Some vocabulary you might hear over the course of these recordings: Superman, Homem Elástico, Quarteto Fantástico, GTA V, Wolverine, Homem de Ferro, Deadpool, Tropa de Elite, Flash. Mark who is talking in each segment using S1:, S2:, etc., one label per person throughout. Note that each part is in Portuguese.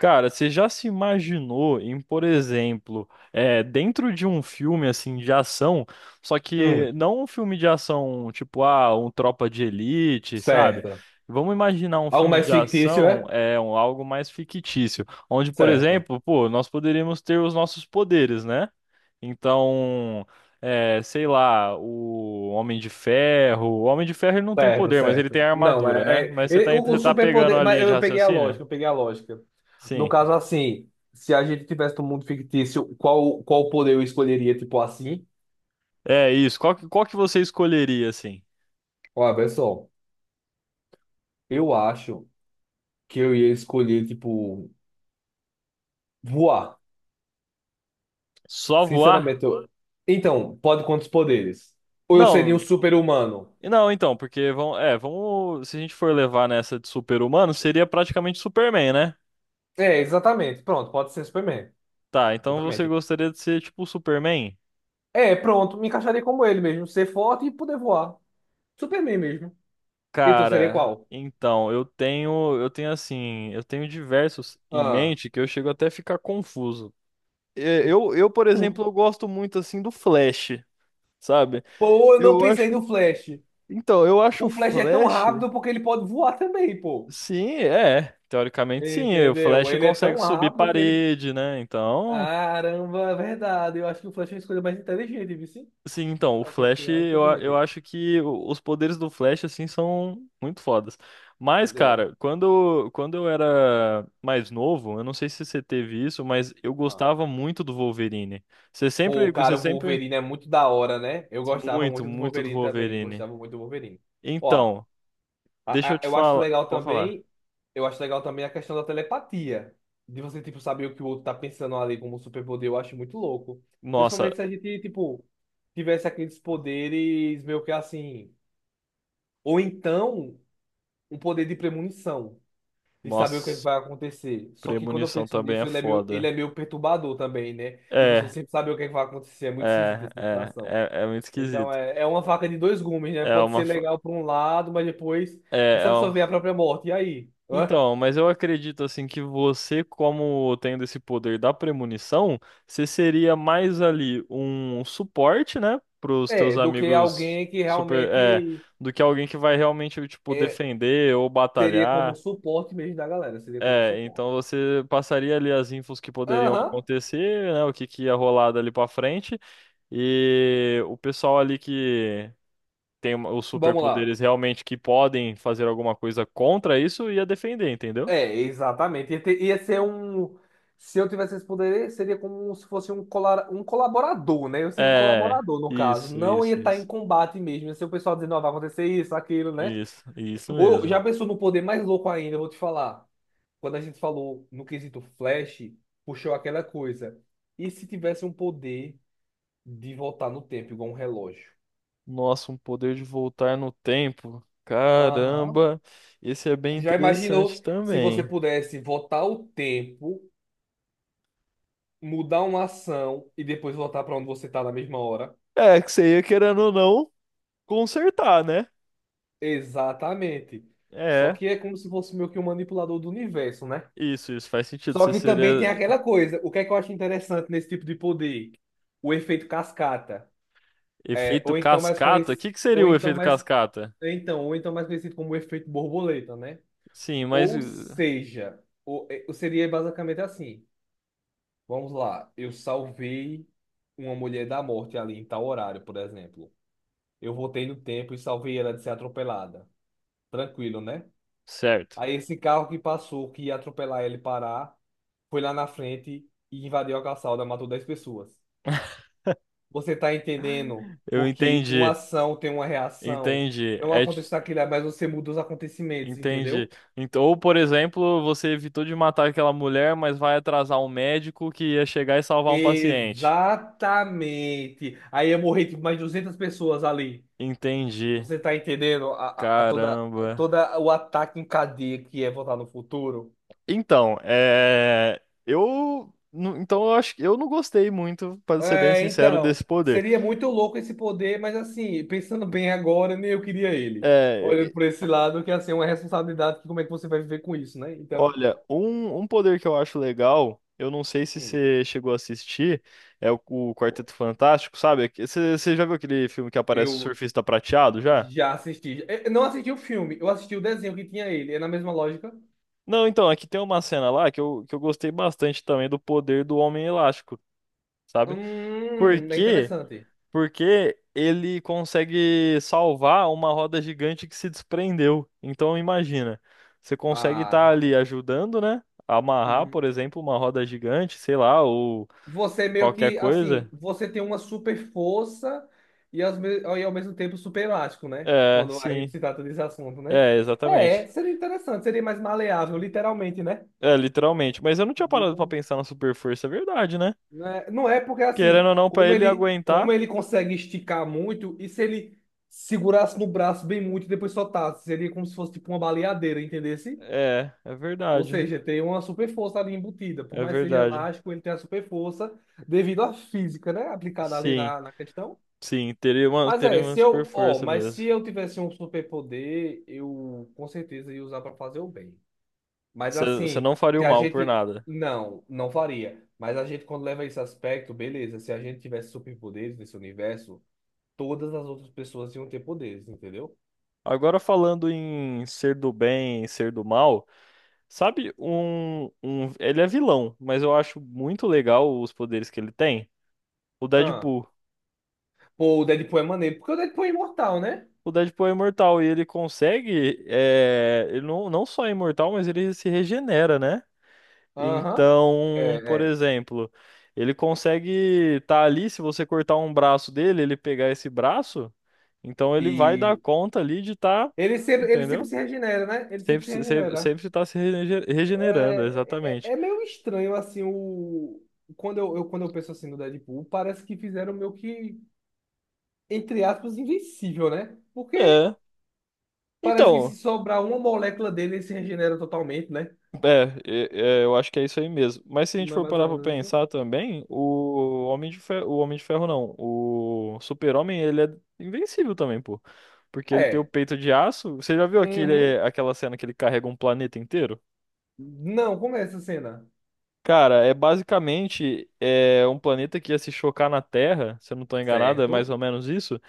S1: Cara, você já se imaginou em, por exemplo, dentro de um filme assim de ação, só que
S2: Hum,
S1: não um filme de ação tipo, um Tropa de Elite, sabe?
S2: certo.
S1: Vamos imaginar um
S2: Algo
S1: filme
S2: mais
S1: de
S2: fictício,
S1: ação,
S2: é?
S1: algo mais fictício, onde, por
S2: Certo,
S1: exemplo, pô, nós poderíamos ter os nossos poderes, né? Então, sei lá, o Homem de Ferro ele não tem
S2: certo,
S1: poder, mas ele
S2: certo.
S1: tem
S2: Não,
S1: armadura, né?
S2: é, é-
S1: Mas você tá,
S2: ele- o, o
S1: você tá pegando
S2: superpoder.
S1: a
S2: Mas
S1: linha de
S2: eu peguei a
S1: raciocínio?
S2: lógica, eu peguei a lógica. No
S1: Sim.
S2: caso, assim, se a gente tivesse um mundo fictício, qual poder eu escolheria, tipo assim?
S1: É isso. Qual que você escolheria, assim?
S2: Olha, pessoal, eu acho que eu ia escolher, tipo, voar.
S1: Só voar?
S2: Sinceramente, eu... Então, pode quantos poderes? Ou eu seria um
S1: Não,
S2: super-humano?
S1: não, então, porque vamos, se a gente for levar nessa de super-humano, seria praticamente Superman, né?
S2: É, exatamente. Pronto, pode ser Superman.
S1: Tá, então você
S2: Exatamente.
S1: gostaria de ser tipo o Superman?
S2: É, pronto, me encaixaria como ele mesmo, ser forte e poder voar. Superman mesmo. E tu seria
S1: Cara,
S2: qual?
S1: então, eu tenho, eu tenho diversos em
S2: Ah.
S1: mente que eu chego até a ficar confuso. É, Eu, eu, por
S2: Hum.
S1: exemplo, eu gosto muito assim do Flash, sabe?
S2: Pô, eu não
S1: Eu
S2: pensei
S1: acho,
S2: no Flash.
S1: então, eu acho o
S2: O Flash é tão
S1: Flash.
S2: rápido porque ele pode voar também, pô.
S1: Sim, é. Teoricamente, sim. E o
S2: Entendeu?
S1: Flash
S2: Ele é
S1: consegue
S2: tão
S1: subir
S2: rápido que ele.
S1: parede, né? Então,
S2: Caramba, é verdade. Eu acho que o Flash é a escolha mais inteligente, viu? Sim?
S1: sim, então, o
S2: Eu acho que é a
S1: Flash,
S2: escolha mais
S1: eu
S2: inteligente.
S1: acho que os poderes do Flash, assim, são muito fodas. Mas,
S2: É.
S1: cara, quando eu era mais novo, eu não sei se você teve isso, mas eu
S2: Ah.
S1: gostava muito do Wolverine. Você
S2: Pô,
S1: sempre, você
S2: cara, o
S1: sempre,
S2: Wolverine é muito da hora, né? Eu gostava
S1: muito,
S2: muito do
S1: muito do
S2: Wolverine também. Eu
S1: Wolverine.
S2: gostava muito do Wolverine. Ó.
S1: Então,
S2: A-
S1: deixa eu
S2: a-
S1: te
S2: Eu acho
S1: falar,
S2: legal
S1: pode falar.
S2: também, eu acho legal também a questão da telepatia. De você, tipo, saber o que o outro tá pensando ali como superpoder, eu acho muito louco.
S1: Nossa,
S2: Principalmente se a gente, tipo, tivesse aqueles poderes meio que assim. Ou então, um poder de premonição, de saber o que é que
S1: nossa,
S2: vai acontecer. Só que quando eu
S1: premonição
S2: penso
S1: também
S2: nisso,
S1: é
S2: ele é meio, ele
S1: foda.
S2: é meio perturbador também, né? De você
S1: É.
S2: sempre saber o que é que vai acontecer. É muito esquisita
S1: É,
S2: essa
S1: é,
S2: situação.
S1: é, é muito
S2: Então
S1: esquisito.
S2: é uma faca de dois gumes, né?
S1: É
S2: Pode ser
S1: uma, fa-
S2: legal por um lado, mas depois. E
S1: é,
S2: se
S1: é uma...
S2: absorver a própria morte? E aí? Hã?
S1: Então, mas eu acredito assim que você, como tendo esse poder da premonição, você seria mais ali um suporte, né, pros
S2: É,
S1: teus
S2: do que
S1: amigos
S2: alguém que
S1: super,
S2: realmente
S1: do que alguém que vai realmente tipo
S2: é,
S1: defender ou
S2: seria como
S1: batalhar.
S2: suporte mesmo da galera. Seria como
S1: É,
S2: suporte.
S1: então você passaria ali as infos que poderiam
S2: Aham.
S1: acontecer, né, o que que ia rolar dali pra frente e o pessoal ali que tem os
S2: Vamos lá.
S1: superpoderes realmente que podem fazer alguma coisa contra isso, ia defender, entendeu?
S2: É, exatamente. Ia ser um. Se eu tivesse esse poder, seria como se fosse um colaborador, né? Eu seria um
S1: É,
S2: colaborador, no caso.
S1: isso,
S2: Não ia
S1: isso,
S2: estar em
S1: isso.
S2: combate mesmo. Ia ser o pessoal dizendo, ó, vai acontecer isso, aquilo, né?
S1: Isso
S2: Ou
S1: mesmo.
S2: já pensou no poder mais louco ainda, eu vou te falar. Quando a gente falou no quesito Flash, puxou aquela coisa. E se tivesse um poder de voltar no tempo, igual um relógio?
S1: Nossa, um poder de voltar no tempo.
S2: Aham.
S1: Caramba, esse é bem
S2: Já
S1: interessante
S2: imaginou se você
S1: também.
S2: pudesse voltar o tempo, mudar uma ação e depois voltar para onde você tá na mesma hora?
S1: É, que você ia querendo ou não consertar, né?
S2: Exatamente. Só
S1: É,
S2: que é como se fosse meio que um manipulador do universo, né?
S1: isso faz sentido.
S2: Só
S1: Você
S2: que também tem
S1: seria
S2: aquela coisa. O que é que eu acho interessante nesse tipo de poder? O efeito cascata. É,
S1: efeito cascata? O que que seria
S2: ou
S1: o
S2: então
S1: efeito
S2: mais
S1: cascata?
S2: Ou então mais conhecido como efeito borboleta, né?
S1: Sim, mas
S2: Ou seja, seria basicamente assim. Vamos lá, eu salvei uma mulher da morte ali em tal horário, por exemplo. Eu voltei no tempo e salvei ela de ser atropelada. Tranquilo, né?
S1: certo.
S2: Aí esse carro que passou, que ia atropelar ele parar, foi lá na frente e invadiu a calçada, matou 10 pessoas. Você tá entendendo?
S1: Eu
S2: Porque uma
S1: entendi,
S2: ação tem uma reação.
S1: entendi.
S2: Não
S1: É,
S2: aconteceu aquilo, mas você muda os acontecimentos,
S1: entendi.
S2: entendeu?
S1: Então, ou, por exemplo, você evitou de matar aquela mulher, mas vai atrasar um médico que ia chegar e salvar um paciente.
S2: Exatamente. Aí ia morrer tipo, mais 200 pessoas ali.
S1: Entendi.
S2: Você tá entendendo
S1: Caramba.
S2: a toda o ataque em cadeia que é voltar no futuro?
S1: Então, é. Então, eu acho que eu não gostei muito, para ser bem
S2: É,
S1: sincero,
S2: então,
S1: desse poder.
S2: seria muito louco esse poder, mas assim, pensando bem agora, nem eu queria ele.
S1: É.
S2: Olhando por esse lado, que assim, é uma responsabilidade, que como é que você vai viver com isso, né? Então,
S1: Olha, um poder que eu acho legal, eu não sei se
S2: hum,
S1: você chegou a assistir, é o Quarteto Fantástico, sabe? Você já viu aquele filme que aparece o
S2: eu
S1: surfista prateado já?
S2: já assisti. É, eu não assisti o filme, eu assisti o desenho que tinha ele. É na mesma lógica.
S1: Não, então, aqui tem uma cena lá que eu gostei bastante também do poder do Homem Elástico, sabe? Por
S2: É
S1: quê?
S2: interessante.
S1: Porque ele consegue salvar uma roda gigante que se desprendeu. Então, imagina, você consegue estar
S2: Ah.
S1: ali ajudando, né? A amarrar, por
S2: Hum.
S1: exemplo, uma roda gigante, sei lá, ou
S2: Você é meio
S1: qualquer
S2: que, assim,
S1: coisa.
S2: você tem uma super força e, e ao mesmo tempo super elástico, né?
S1: É,
S2: Quando a
S1: sim.
S2: gente se trata desse assunto, né?
S1: É,
S2: É,
S1: exatamente.
S2: seria interessante, seria mais maleável, literalmente, né?
S1: É, literalmente. Mas eu não tinha parado pra
S2: Literal-
S1: pensar na super força, é verdade, né?
S2: Né? Não é porque assim,
S1: Querendo ou não, pra
S2: como
S1: ele
S2: ele,
S1: aguentar.
S2: como ele consegue esticar muito, e se ele segurasse no braço bem muito e depois soltasse, seria como se fosse tipo uma baleadeira, entendesse?
S1: É, é
S2: Ou
S1: verdade.
S2: seja, tem uma super força ali embutida. Por
S1: É
S2: mais que seja
S1: verdade.
S2: elástico, ele tem a super força devido à física, né? Aplicada ali
S1: Sim,
S2: na questão.
S1: sim,
S2: Mas
S1: teria
S2: é,
S1: uma
S2: se
S1: super
S2: eu, ó,
S1: força
S2: mas
S1: mesmo.
S2: se eu tivesse um superpoder, eu com certeza ia usar para fazer o bem. Mas
S1: Você
S2: assim,
S1: não faria
S2: se
S1: o
S2: a
S1: mal por
S2: gente
S1: nada.
S2: não, não faria. Mas a gente quando leva esse aspecto, beleza, se a gente tivesse superpoderes nesse universo, todas as outras pessoas iam ter poderes, entendeu?
S1: Agora falando em ser do bem, ser do mal, sabe um, ele é vilão, mas eu acho muito legal os poderes que ele tem. O
S2: Ah,
S1: Deadpool.
S2: pô, o Deadpool é maneiro, porque o Deadpool é imortal, né?
S1: O Deadpool é imortal e ele consegue, ele não só é imortal, mas ele se regenera, né?
S2: Aham. É,
S1: Então, por
S2: é.
S1: exemplo, ele consegue estar ali, se você cortar um braço dele, ele pegar esse braço, então ele vai dar
S2: E
S1: conta ali de estar,
S2: ele sempre
S1: entendeu?
S2: se regenera, né? Ele sempre
S1: Sempre,
S2: se
S1: se- sempre,
S2: regenera.
S1: sempre tá se regenerando,
S2: É, é,
S1: exatamente.
S2: é meio estranho, assim. Quando eu penso assim no Deadpool, parece que fizeram meio que, entre aspas, invencível, né? Porque
S1: É.
S2: parece que
S1: Então,
S2: se sobrar uma molécula dele, ele se regenera totalmente, né?
S1: É, eu acho que é isso aí mesmo. Mas se a gente
S2: Não é
S1: for
S2: mais ou
S1: parar pra
S2: menos isso?
S1: pensar também, o Homem de Ferro, o Homem de Ferro não, o Super-Homem, ele é invencível também, pô. Porque ele tem o
S2: É.
S1: peito de aço. Você já viu aquele,
S2: Uhum.
S1: aquela cena que ele carrega um planeta inteiro?
S2: Não, como é essa cena?
S1: Cara, é basicamente, um planeta que ia se chocar na Terra, se eu não tô enganado, é mais
S2: Certo,
S1: ou menos isso.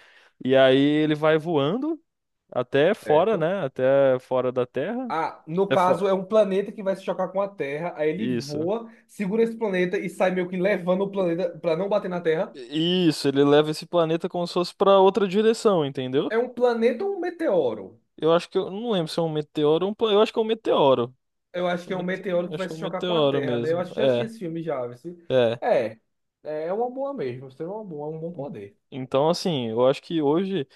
S1: E aí ele vai voando até fora,
S2: certo.
S1: né? Até fora da Terra.
S2: Ah, no
S1: Até fora.
S2: caso, é um planeta que vai se chocar com a Terra, aí ele
S1: Isso.
S2: voa, segura esse planeta e sai meio que levando o planeta pra não bater na Terra.
S1: Isso, ele leva esse planeta como se fosse pra outra direção, entendeu?
S2: É um planeta ou um meteoro?
S1: Eu acho que eu não lembro se é um meteoro ou um planeta. Eu acho que é um meteoro.
S2: Eu acho
S1: Eu
S2: que é um
S1: mete-
S2: meteoro que
S1: Acho
S2: vai
S1: que é
S2: se
S1: um
S2: chocar com a
S1: meteoro
S2: Terra, né? Eu
S1: mesmo.
S2: acho que já assisti
S1: É,
S2: esse filme já, viu?
S1: é.
S2: É, é uma boa mesmo. Você é uma boa, é um bom poder.
S1: Então, assim, eu acho que hoje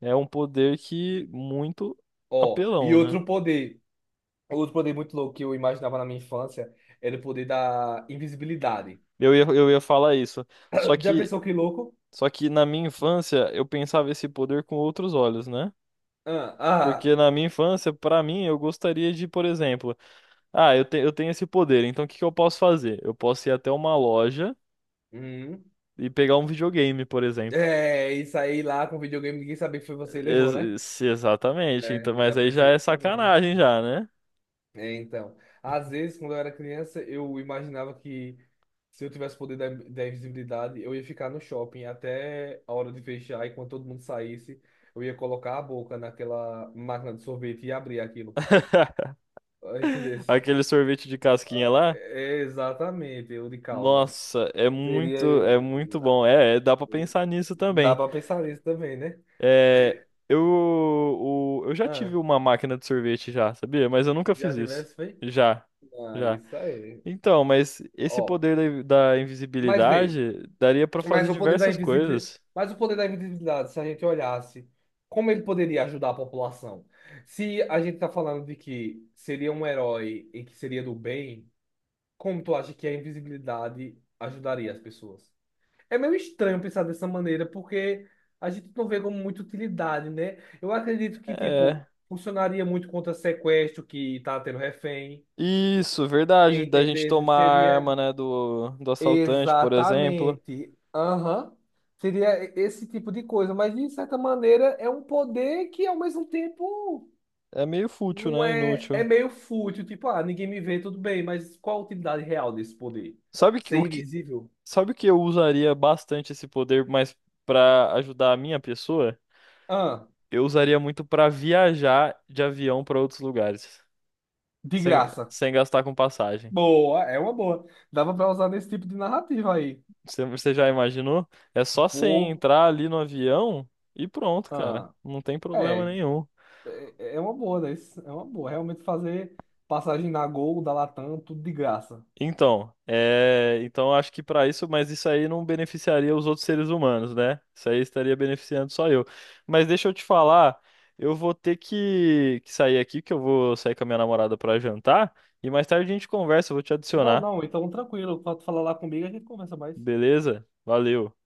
S1: é um poder que muito
S2: Ó, e
S1: apelão, né?
S2: outro poder, muito louco que eu imaginava na minha infância era o poder da invisibilidade.
S1: Eu ia falar isso. Só
S2: Já
S1: que,
S2: pensou que louco?
S1: só que na minha infância eu pensava esse poder com outros olhos, né?
S2: Ah, ah,
S1: Porque na minha infância, pra mim, eu gostaria de, por exemplo, Ah, eu tenho esse poder, então o que que eu posso fazer? Eu posso ir até uma loja
S2: hum.
S1: e pegar um videogame, por exemplo.
S2: É, isso aí lá com videogame, ninguém sabia que foi você que levou, né?
S1: Exatamente, então,
S2: É,
S1: mas
S2: já
S1: aí já
S2: pensei
S1: é
S2: nisso também.
S1: sacanagem já, né?
S2: É, então, às vezes, quando eu era criança, eu imaginava que se eu tivesse o poder da invisibilidade, eu ia ficar no shopping até a hora de fechar, e quando todo mundo saísse, eu ia colocar a boca naquela máquina de sorvete e abrir aquilo. Ah, entendeu?
S1: Aquele sorvete de casquinha
S2: Ah,
S1: lá?
S2: exatamente, eu de calda.
S1: Nossa,
S2: Seria.
S1: é muito bom. É, é, dá pra pensar nisso
S2: Dá
S1: também.
S2: pra pensar nisso também, né?
S1: É, eu já tive
S2: Ah,
S1: uma máquina de sorvete já, sabia? Mas eu nunca
S2: já
S1: fiz isso.
S2: tivesse feito?
S1: Já,
S2: Ah,
S1: já.
S2: isso aí.
S1: Então, mas esse
S2: Ó,
S1: poder da
S2: mas veio.
S1: invisibilidade daria pra
S2: Mas
S1: fazer
S2: o poder da
S1: diversas
S2: invisibilidade,
S1: coisas.
S2: mas o poder da invisibilidade, se a gente olhasse, como ele poderia ajudar a população? Se a gente está falando de que seria um herói e que seria do bem, como tu acha que a invisibilidade ajudaria as pessoas? É meio estranho pensar dessa maneira, porque a gente não vê como muita utilidade, né? Eu acredito que, tipo,
S1: É.
S2: funcionaria muito contra sequestro que tá tendo refém,
S1: Isso, verdade. Da gente
S2: entender?
S1: tomar a
S2: Seria
S1: arma, né, do assaltante, por exemplo.
S2: Exatamente. Aham. Seria esse tipo de coisa, mas de certa maneira é um poder que ao mesmo tempo
S1: É meio fútil,
S2: não
S1: né?
S2: é, é
S1: Inútil.
S2: meio fútil, tipo, ah, ninguém me vê, tudo bem, mas qual a utilidade real desse poder?
S1: Sabe que, o
S2: Ser
S1: que,
S2: invisível?
S1: sabe o que eu usaria bastante esse poder, mas pra ajudar a minha pessoa?
S2: Ah,
S1: Eu usaria muito pra viajar de avião pra outros lugares,
S2: de
S1: sem,
S2: graça.
S1: sem gastar com passagem.
S2: Boa, é uma boa. Dava pra usar nesse tipo de narrativa aí.
S1: Você já imaginou? É só você
S2: Pô,
S1: entrar ali no avião e pronto, cara.
S2: ah,
S1: Não tem
S2: é,
S1: problema nenhum.
S2: é uma boa, né? Isso é uma boa. Realmente fazer passagem na Gol, da Latam, tudo de graça.
S1: Então, então acho que para isso, mas isso aí não beneficiaria os outros seres humanos, né? Isso aí estaria beneficiando só eu. Mas deixa eu te falar, eu vou ter que sair aqui, que eu vou sair com a minha namorada para jantar e mais tarde a gente conversa, eu vou te
S2: Não,
S1: adicionar,
S2: não, então tranquilo. Quando tu falar lá comigo, a gente conversa mais.
S1: beleza? Valeu.